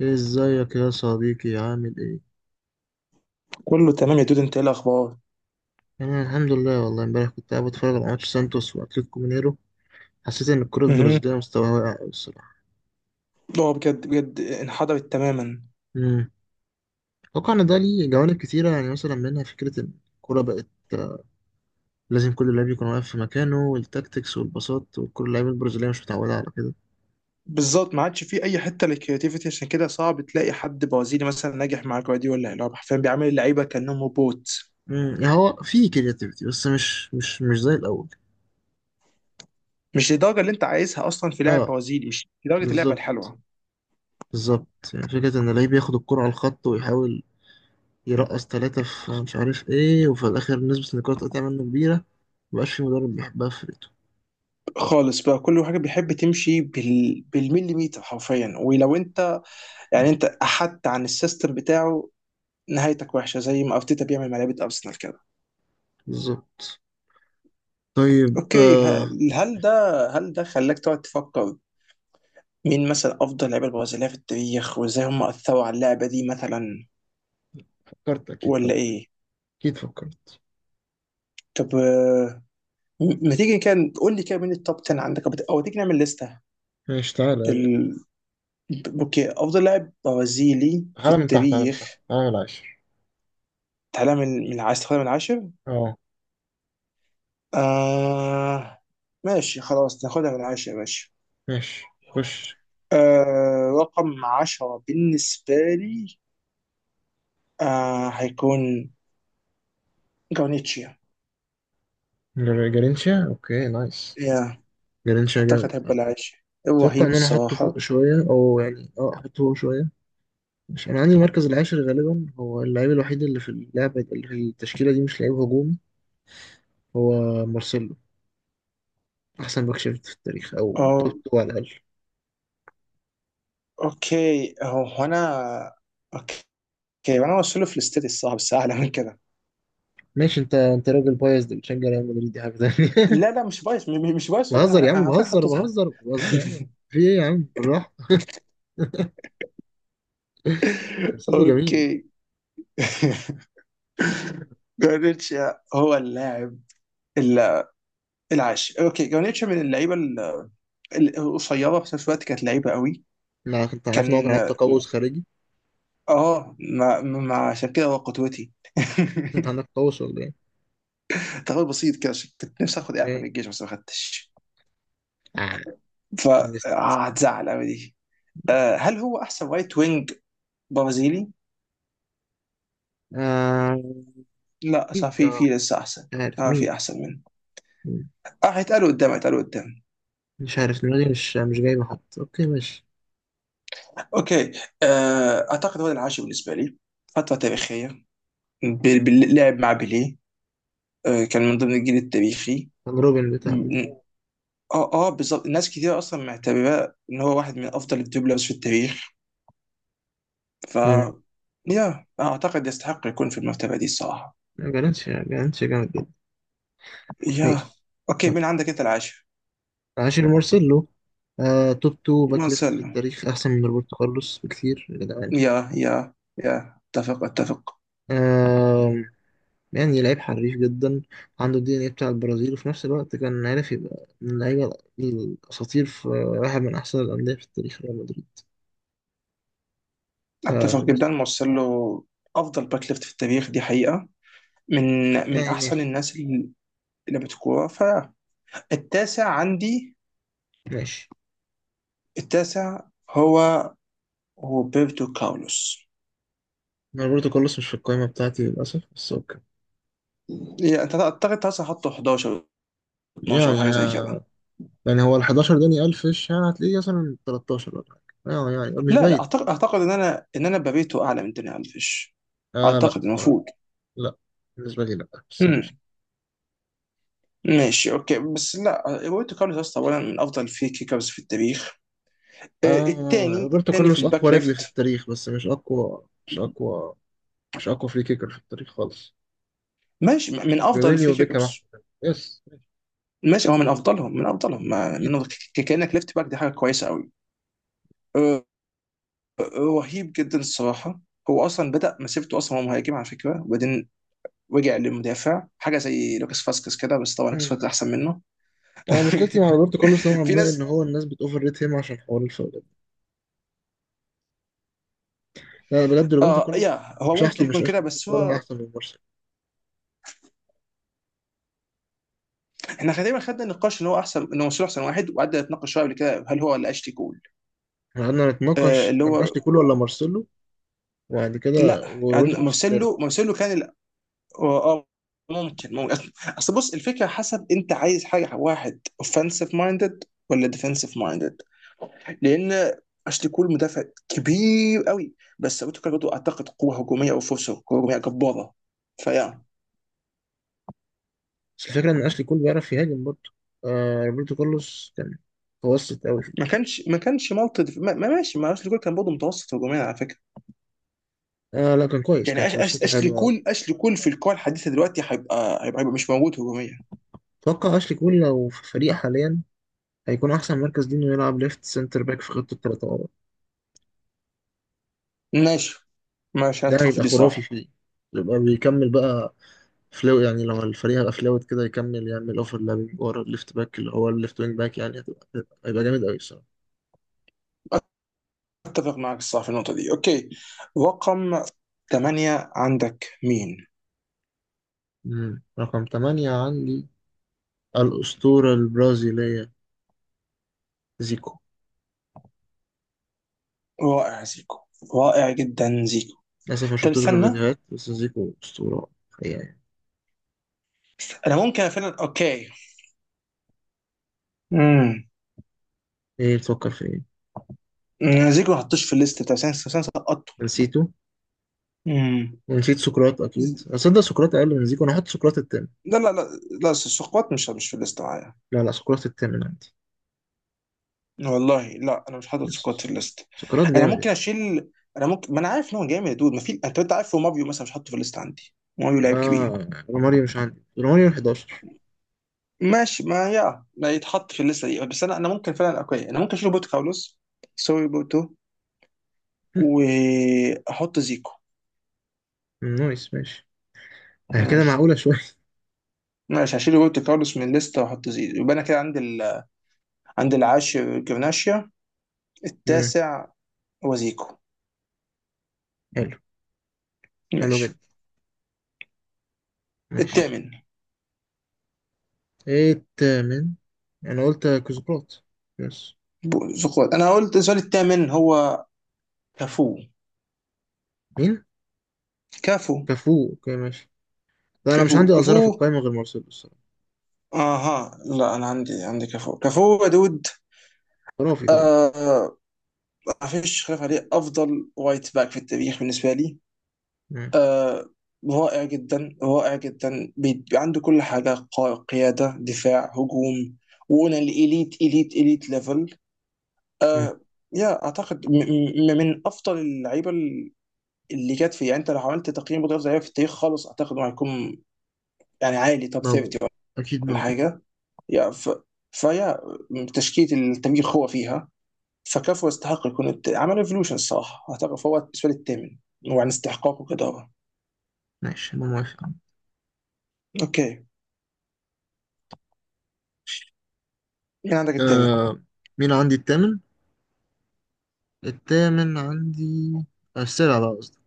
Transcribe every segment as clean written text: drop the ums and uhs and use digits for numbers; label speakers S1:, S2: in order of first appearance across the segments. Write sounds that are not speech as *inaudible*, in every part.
S1: ازيك يا صديقي؟ عامل ايه؟
S2: كله تمام يا دود، انت ايه الاخبار؟
S1: انا الحمد لله، والله امبارح كنت قاعد بتفرج على ماتش سانتوس واتلتيكو مينيرو. حسيت ان الكرة
S2: مهم.
S1: البرازيلية مستواها واقع قوي الصراحة.
S2: اه بجد بجد، انحدرت تماما.
S1: امم. اتوقع ان ده ليه جوانب كتيرة، يعني مثلا منها فكرة ان الكرة بقت آه، لازم كل لاعب يكون واقف في مكانه، والتاكتكس والباصات، وكل اللعيبة البرازيلية مش متعودة على كده.
S2: بالظبط، ما عادش في اي حته للكرياتيفيتي، عشان كده صعب تلاقي حد برازيلي مثلا ناجح مع جوارديولا اللي هو حرفيا بيعامل اللعيبه كانهم روبوت.
S1: امم، يعني هو في كرياتيفيتي، بس مش زي الاول.
S2: مش للدرجه اللي انت عايزها، اصلا في لاعب
S1: اه،
S2: برازيلي مش لدرجه اللعبه
S1: بالظبط.
S2: الحلوه
S1: بالظبط، يعني فكرة ان اللعيب ياخد الكرة على الخط ويحاول يرقص تلاتة في مش عارف ايه، وفي الآخر نسبة النقاط تقطع منه كبيرة. مبقاش في مدرب بيحبها في فرقته.
S2: خالص بقى. كل حاجه بيحب تمشي بالمليمتر حرفيا، ولو انت يعني
S1: مم.
S2: انت احدت عن السيستم بتاعه نهايتك وحشه، زي ما ارتيتا بيعمل مع لعيبه ارسنال كده.
S1: بالظبط. طيب.
S2: اوكي، هل ده خلاك تقعد تفكر مين مثلا افضل لعيبه البرازيليه في التاريخ وازاي هم اثروا على اللعبه دي مثلا،
S1: فكرت أكيد
S2: ولا
S1: طبعا.
S2: ايه؟
S1: أكيد فكرت.
S2: طب ما تيجي كان قول لي كده مين التوب 10 عندك، او أو تيجي نعمل لسته.
S1: ماشي، تعالى يلا.
S2: بال... اوكي، افضل لاعب برازيلي في
S1: تعالى من تحت، تعالى من تحت،
S2: التاريخ.
S1: تعالى من العاشر.
S2: تعالى من عايز تاخدها من 10.
S1: اه.
S2: آه... ماشي، خلاص ناخدها من 10، ماشي.
S1: ماشي، خش.
S2: رقم 10 بالنسبة لي هيكون جونيتشيا.
S1: جرينشا، اوكي، نايس.
S2: يا
S1: جرينشا جامد.
S2: أعتقد هيبقى العاشر،
S1: اتوقع
S2: رهيب
S1: ان انا احطه فوق
S2: الصراحة.
S1: شويه، او يعني احطه فوق شويه. مش انا عندي المركز العاشر غالبا هو اللعيب الوحيد اللي في اللعبه، اللي في التشكيله دي مش لعيب هجومي. هو مارسيلو. احسن باك شفت في التاريخ، او توب
S2: اه
S1: 2 على الاقل.
S2: اوكي، هو انا، اوكي، وانا اوصله في الاستدي الصعب بس اعلى من كده.
S1: ماشي. انت راجل بايظ، ده بتشجع ريال مدريد، دي حاجه ثانيه.
S2: لا لا، مش بايظ، مش
S1: *laughs*
S2: بايظ والله،
S1: بهزر يا
S2: أنا
S1: عم،
S2: عارفين
S1: بهزر
S2: حطيتها.
S1: بهزر بهزر يا
S2: *laughs*
S1: عم. في ايه يا عم؟ بالراحه. له جميل.
S2: اوكي. *laughs* جارنيتشا هو اللاعب ال- العاشر. اوكي، جارنيتشا من اللعيبه القصيره، في نفس الوقت كانت لعيبه قوي.
S1: ما انت عارف ان هو كان
S2: كان
S1: عنده تقوس خارجي.
S2: اه ما عشان كده هو قدوتي. *laughs*
S1: انت عندك تقوس ولا ايه؟
S2: تغير بسيط كده، عشان كنت نفسي اخد اعفاء في
S1: ايه.
S2: الجيش بس ما خدتش،
S1: آه. بس-
S2: فهتزعل قوي دي. هل هو احسن رايت وينج برازيلي؟
S1: آه،
S2: لا صح،
S1: اكيد
S2: في
S1: اه.
S2: لسه احسن.
S1: مش عارف
S2: اه في
S1: مين.
S2: احسن منه.
S1: مين؟
S2: اه هيتقالوا قدام، هيتقالوا قدام.
S1: مش عارف، دماغي مش جايبه حد، اوكي ماشي.
S2: اوكي. آه اعتقد هو العاشر بالنسبه لي. فتره تاريخيه باللعب مع بيليه. آه كان من ضمن الجيل التاريخي.
S1: كان روبن
S2: م-
S1: بتاع مين؟
S2: م- اه اه بالظبط، ناس كتير اصلا معتبراه ان هو واحد من افضل الدبلرز في التاريخ. ف
S1: امم.
S2: يا اعتقد يستحق يكون في المرتبه دي الصراحه.
S1: جالنتش، جالنتش جامد جدا.
S2: يا
S1: ماشي.
S2: اوكي، مين عندك انت العاشر؟
S1: عاشر مارسيلو. توب تو باك
S2: ما
S1: ليفت في
S2: سلم.
S1: التاريخ، أحسن من روبرتو كارلوس بكتير يا جدعان.
S2: يا يا يا اتفق اتفق.
S1: آه يعني لعيب حريف جدا. عنده الدي إن إيه بتاع البرازيل، وفي نفس الوقت كان عارف يبقى من اللعيبة الأساطير في واحد من أحسن الأندية في التاريخ، ريال مدريد. ف،
S2: اتفق جدا، مارسيلو افضل باك ليفت في التاريخ، دي حقيقه. من
S1: يعني
S2: احسن
S1: ماشي.
S2: الناس اللي لعبت كوره. فالتاسع عندي،
S1: ماشي.
S2: التاسع هو روبرتو كارلوس.
S1: أنا روبرتو كارلوس مش في القائمة بتاعتي للأسف، بس أوكي.
S2: يعني أنت اعتقد تاسع حطه 11، 12 او
S1: يعني
S2: حاجه زي كده.
S1: آه، يعني هو ال 11 داني ألف فيش، يعني هتلاقيه مثلا 13 ولا حاجة. يعني مش
S2: لا لا،
S1: بعيد.
S2: اعتقد اعتقد ان انا بابيتو اعلى من داني الفيش،
S1: آه، لا
S2: اعتقد
S1: الصراحة.
S2: المفروض.
S1: لا بالنسبة لي، لا، بس ماشي.
S2: امم ماشي اوكي، بس لا، روبرتو كارلوس اصلا اولا من افضل الفري كيكرز في التاريخ، الثاني
S1: روبرتو
S2: الثاني في
S1: كارلوس أقوى
S2: الباك
S1: رجل في
S2: ليفت.
S1: التاريخ، بس مش أقوى فري كيكر في التاريخ خالص.
S2: ماشي، من افضل
S1: جونينيو
S2: الفري
S1: وبيكهام أحسن
S2: كيكرز.
S1: منه. يس.
S2: ماشي، هو من افضلهم، من افضلهم، ما
S1: أكيد.
S2: من كانك ليفت باك دي حاجه كويسه قوي. أه، رهيب جدا الصراحه. هو اصلا بدا مسيرته، اصلا هو مهاجم على فكره، وبعدين رجع للمدافع، حاجه زي لوكاس فاسكس كده، بس طبعا لوكاس فاسكس
S1: مم.
S2: احسن منه.
S1: *clears throat* أنا مشكلتي
S2: *laughs*
S1: مع روبرتو كارلوس نوعا
S2: في
S1: ما إن
S2: ناس.
S1: هو الناس بتأوفر ريت هيم عشان حوار الفاولات. لا، بجد روبرتو
S2: اه
S1: كارلوس
S2: يا هو
S1: مش
S2: ممكن
S1: أحسن مش
S2: يكون كده،
S1: أشلي
S2: بس
S1: كول، ولا
S2: هو
S1: أحسن من مارسيلو.
S2: احنا تقريبا خدنا النقاش ان هو احسن، ان هو مرسلو احسن واحد، وقعدنا نتناقش شويه قبل كده هل هو ولا اشلي كول.
S1: إحنا قعدنا نتناقش
S2: اللي
S1: كان
S2: هو
S1: أشلي كول ولا مارسيلو، وبعد كده
S2: لا،
S1: وروبرتو كارلوس
S2: مرسلو
S1: التالت.
S2: مرسلو كان اه. آه، ممكن أصل بص، الفكره حسب انت عايز حاجه، واحد اوفensive مايندد ولا ديفensive مايندد، لان اشلي كول مدافع كبير قوي. بس ابو تريكة برضه اعتقد قوه هجوميه او فرصه هجوميه جباره فيا.
S1: بس الفكرة إن أشلي كول بيعرف يهاجم برضه. روبرتو كارلوس كان متوسط أوي فيه.
S2: ما كانش ماشي، ما اشلي كول كان برضه متوسط هجوميا على فكره.
S1: لا، كان كويس، كان
S2: يعني
S1: كروساته
S2: اشلي
S1: حلوة.
S2: كول اشلي كول في الكره الحديثه دلوقتي هيبقى، هيبقى مش موجود هجوميا.
S1: اتوقع اشلي كول لو في فريق حاليا هيكون احسن مركز ليه انه يلعب ليفت سنتر باك في خطه الثلاثه ورا.
S2: ماشي ماشي، انا
S1: ده
S2: اتفق في
S1: هيبقى
S2: دي،
S1: خرافي
S2: صح.
S1: فيه، يبقى بيكمل بقى. فلو يعني لما الفريق هيبقى فلوت كده، يكمل يعمل اوفر لابينج ورا الليفت باك اللي هو الليفت وينج باك. يعني هيبقى جامد قوي الصراحه.
S2: اتفق معك الصراحه في النقطه دي. اوكي، رقم 8 عندك مين؟
S1: مم. رقم 8 عندي الاسطوره البرازيليه زيكو.
S2: رائع، زيكو. رائع جدا زيكو.
S1: للاسف ما
S2: طب
S1: شفتوش غير
S2: استنى،
S1: فيديوهات، بس زيكو اسطوره حقيقه يعني.
S2: انا ممكن فعلا اوكي. امم
S1: ايه، بتفكر في ايه؟
S2: زيكو ما حطوش في الليست بتاع سانس سقطته.
S1: نسيته.
S2: امم
S1: ونسيت سقراط.
S2: ز-
S1: اكيد اصدق سقراط اقل من زيكو. انا هحط سقراط التاني.
S2: لا لا لا، لا سكوات مش في الليست معايا.
S1: لا لا، سقراط التامن عندي.
S2: والله لا، انا مش حاطط
S1: بس.
S2: سكوات في الليست.
S1: سقراط
S2: انا
S1: جامد
S2: ممكن
S1: يعني.
S2: اشيل، انا ممكن، ما انا عارف ان هو جامد يا دود، ما في، انت عارف هو ماريو مثلا مش حاطه في الليست عندي، ماريو لعيب كبير.
S1: اه، روماريو، مش عندي روماريو 11.
S2: ماشي، ما يا ما يتحط في الليسته دي، بس انا ممكن فعلا اوكي، انا ممكن اشيل بوت كارلوس، سوري بوتو،
S1: *laughs*
S2: واحط زيكو.
S1: نايس، ماشي. كده
S2: ماشي
S1: معقولة شوية. *laughs*
S2: ماشي، هشيل بوت كارلوس من الليسته واحط زيكو. يبقى انا كده عندي عند العاشر جرناشيا،
S1: مم.
S2: التاسع هو زيكو.
S1: حلو. حلو
S2: ماشي،
S1: جدا. ماشي.
S2: الثامن.
S1: ايه التامن؟ انا قلت كوزقراط. بس.
S2: زقوات، انا قلت السؤال الثامن هو كافو.
S1: مين؟
S2: كافو.
S1: كفو، اوكي ماشي. لا، انا مش
S2: كافو
S1: عندي أظهرة في
S2: كافو
S1: القائمة غير مارسيلو الصراحة.
S2: اها، لا انا عندي، عندي كافو، كافو يا دود.
S1: خرافي طبعا.
S2: آه، ما فيش خلاف عليه، افضل وايت باك في التاريخ بالنسبه لي.
S1: مم.
S2: آه رائع جدا، رائع جدا، عنده كل حاجة، قيادة، دفاع، هجوم، وقلنا الإليت، إليت ليفل.
S1: مم.
S2: آه يا أعتقد من أفضل اللعيبة اللي جت فيه. يعني أنت لو عملت تقييم بطولة لعيبة في التاريخ خالص، أعتقد إنه هيكون يعني عالي، توب
S1: موجود.
S2: 30
S1: اكيد
S2: ولا
S1: موجود.
S2: حاجة. يا فيا تشكيلة التاريخ هو فيها. فكفو يستحق يكون عمل ايفولوشن الصراحة، أعتقد فهو بالنسبة لي الثامن، وعن استحقاقه كده.
S1: ماشي، انا موافق.
S2: أوكي،
S1: ماشي.
S2: مين عندك الثامن؟
S1: آه مين عندي التامن؟ التامن عندي، السابع بقى قصدي.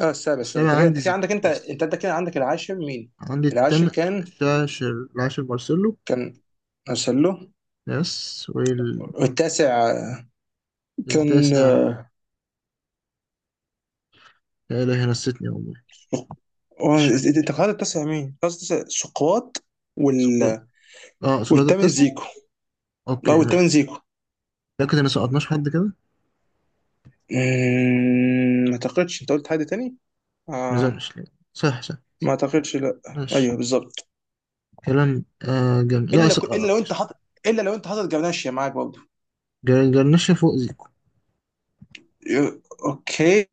S2: اه السابع، سوري.
S1: السابع
S2: انت كده،
S1: عندي
S2: انت كده
S1: زيكو،
S2: عندك، انت
S1: يس.
S2: انت انت كده عندك، العاشر مين؟
S1: عندي
S2: العاشر
S1: التامن.
S2: كان،
S1: العاشر، العاشر مارسيلو.
S2: كان ارسلو.
S1: ناس.
S2: والتاسع كان
S1: والتاسع، لا إله أنا نسيتني والله، مش فاكر.
S2: انت قرأت التاسع مين؟ قرأت التاسع سقراط.
S1: سقراط.
S2: وال
S1: اه، سقراط
S2: والثامن
S1: التاسع.
S2: زيكو.
S1: اوكي
S2: لا والثامن
S1: ماشي.
S2: زيكو.
S1: لكن انا سقطناش حد كده،
S2: ما اعتقدش، انت قلت حد تاني؟ آه
S1: نزلناش لا. صح صح.
S2: ما اعتقدش، لا.
S1: ماشي.
S2: ايوه، بالظبط.
S1: كلام. آه جن... لا س...
S2: الا
S1: آه.
S2: لو انت
S1: ماشي.
S2: حاطط، الا لو انت حاطط جبناشيا معاك برضه.
S1: جرنشة فوق زيكو.
S2: ي- اوكي،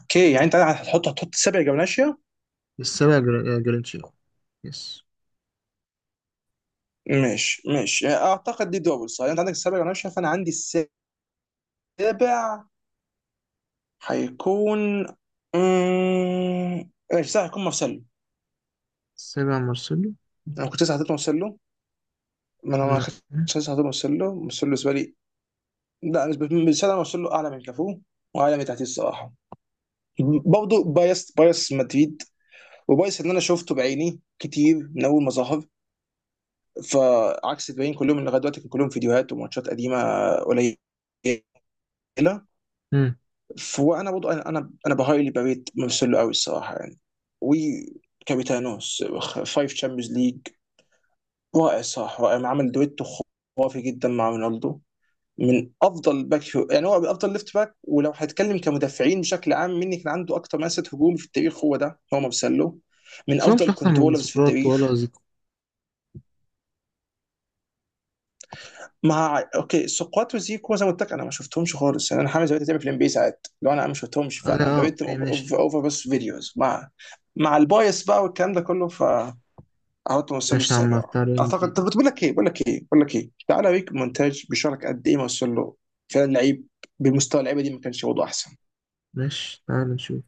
S2: اوكي يعني انت هتحط، هتحط 7 جبناشيا.
S1: السابع جر... آه، جرنشة، يس.
S2: ماشي ماشي، يعني اعتقد دي دول صح. انت عندك السابع، وانا مش شايف، انا عندي السابع هيكون ماشي، صح، هيكون مارسيلو.
S1: السابع مارسيلو.
S2: انا كنت لسه حاطط مارسيلو، ما انا ما
S1: لا.
S2: كنتش لسه حاطط مارسيلو. مارسيلو بالنسبه لي، لا بالنسبه، بالنسبة لي مارسيلو اعلى من كافو، واعلى من تحتيه الصراحه. برضه بايس، بايس مدريد، وبايس ان انا شفته بعيني كتير من اول ما ظهر، فعكس الباقيين كلهم اللي لغايه دلوقتي كان كلهم فيديوهات وماتشات قديمه قليله.
S1: مم.
S2: وانا برضه، انا بهايلي بريت مارسيلو قوي الصراحه يعني، وكابيتانوس فايف تشامبيونز ليج، رائع، صح رائع، عمل دويتو خرافي جدا مع رونالدو. من افضل يعني هو افضل ليفت باك، ولو هتكلم كمدافعين بشكل عام مين اللي كان عنده اكتر مسات هجوم في التاريخ، هو ده، هو مارسيلو. من
S1: بس هو مش
S2: افضل
S1: أحسن من
S2: كنترولرز في
S1: سقراط ولا
S2: التاريخ.
S1: زيكو.
S2: مع اوكي، سقوط وزيكو زي ما قلت لك انا ما شفتهمش خالص، يعني انا حامل زمان بتعمل في الام بي ساعات، لو انا ما شفتهمش
S1: آه، لا،
S2: فانا
S1: آه،
S2: ببيت
S1: اوكي ماشي.
S2: اوفر، بس فيديوز مع، مع البايس بقى والكلام ده كله، فقعدت اوصل له
S1: ماشي يا عم
S2: السابع.
S1: بتاع ريال
S2: اعتقد، طب
S1: مدريد.
S2: بقول لك ايه بقول لك ايه بقول لك ايه تعالى اوريك مونتاج بيشارك قد ايه ما وصل له فعلا، لعيب بمستوى اللعيبه دي ما كانش وضعه احسن.
S1: ماشي، تعال نشوف.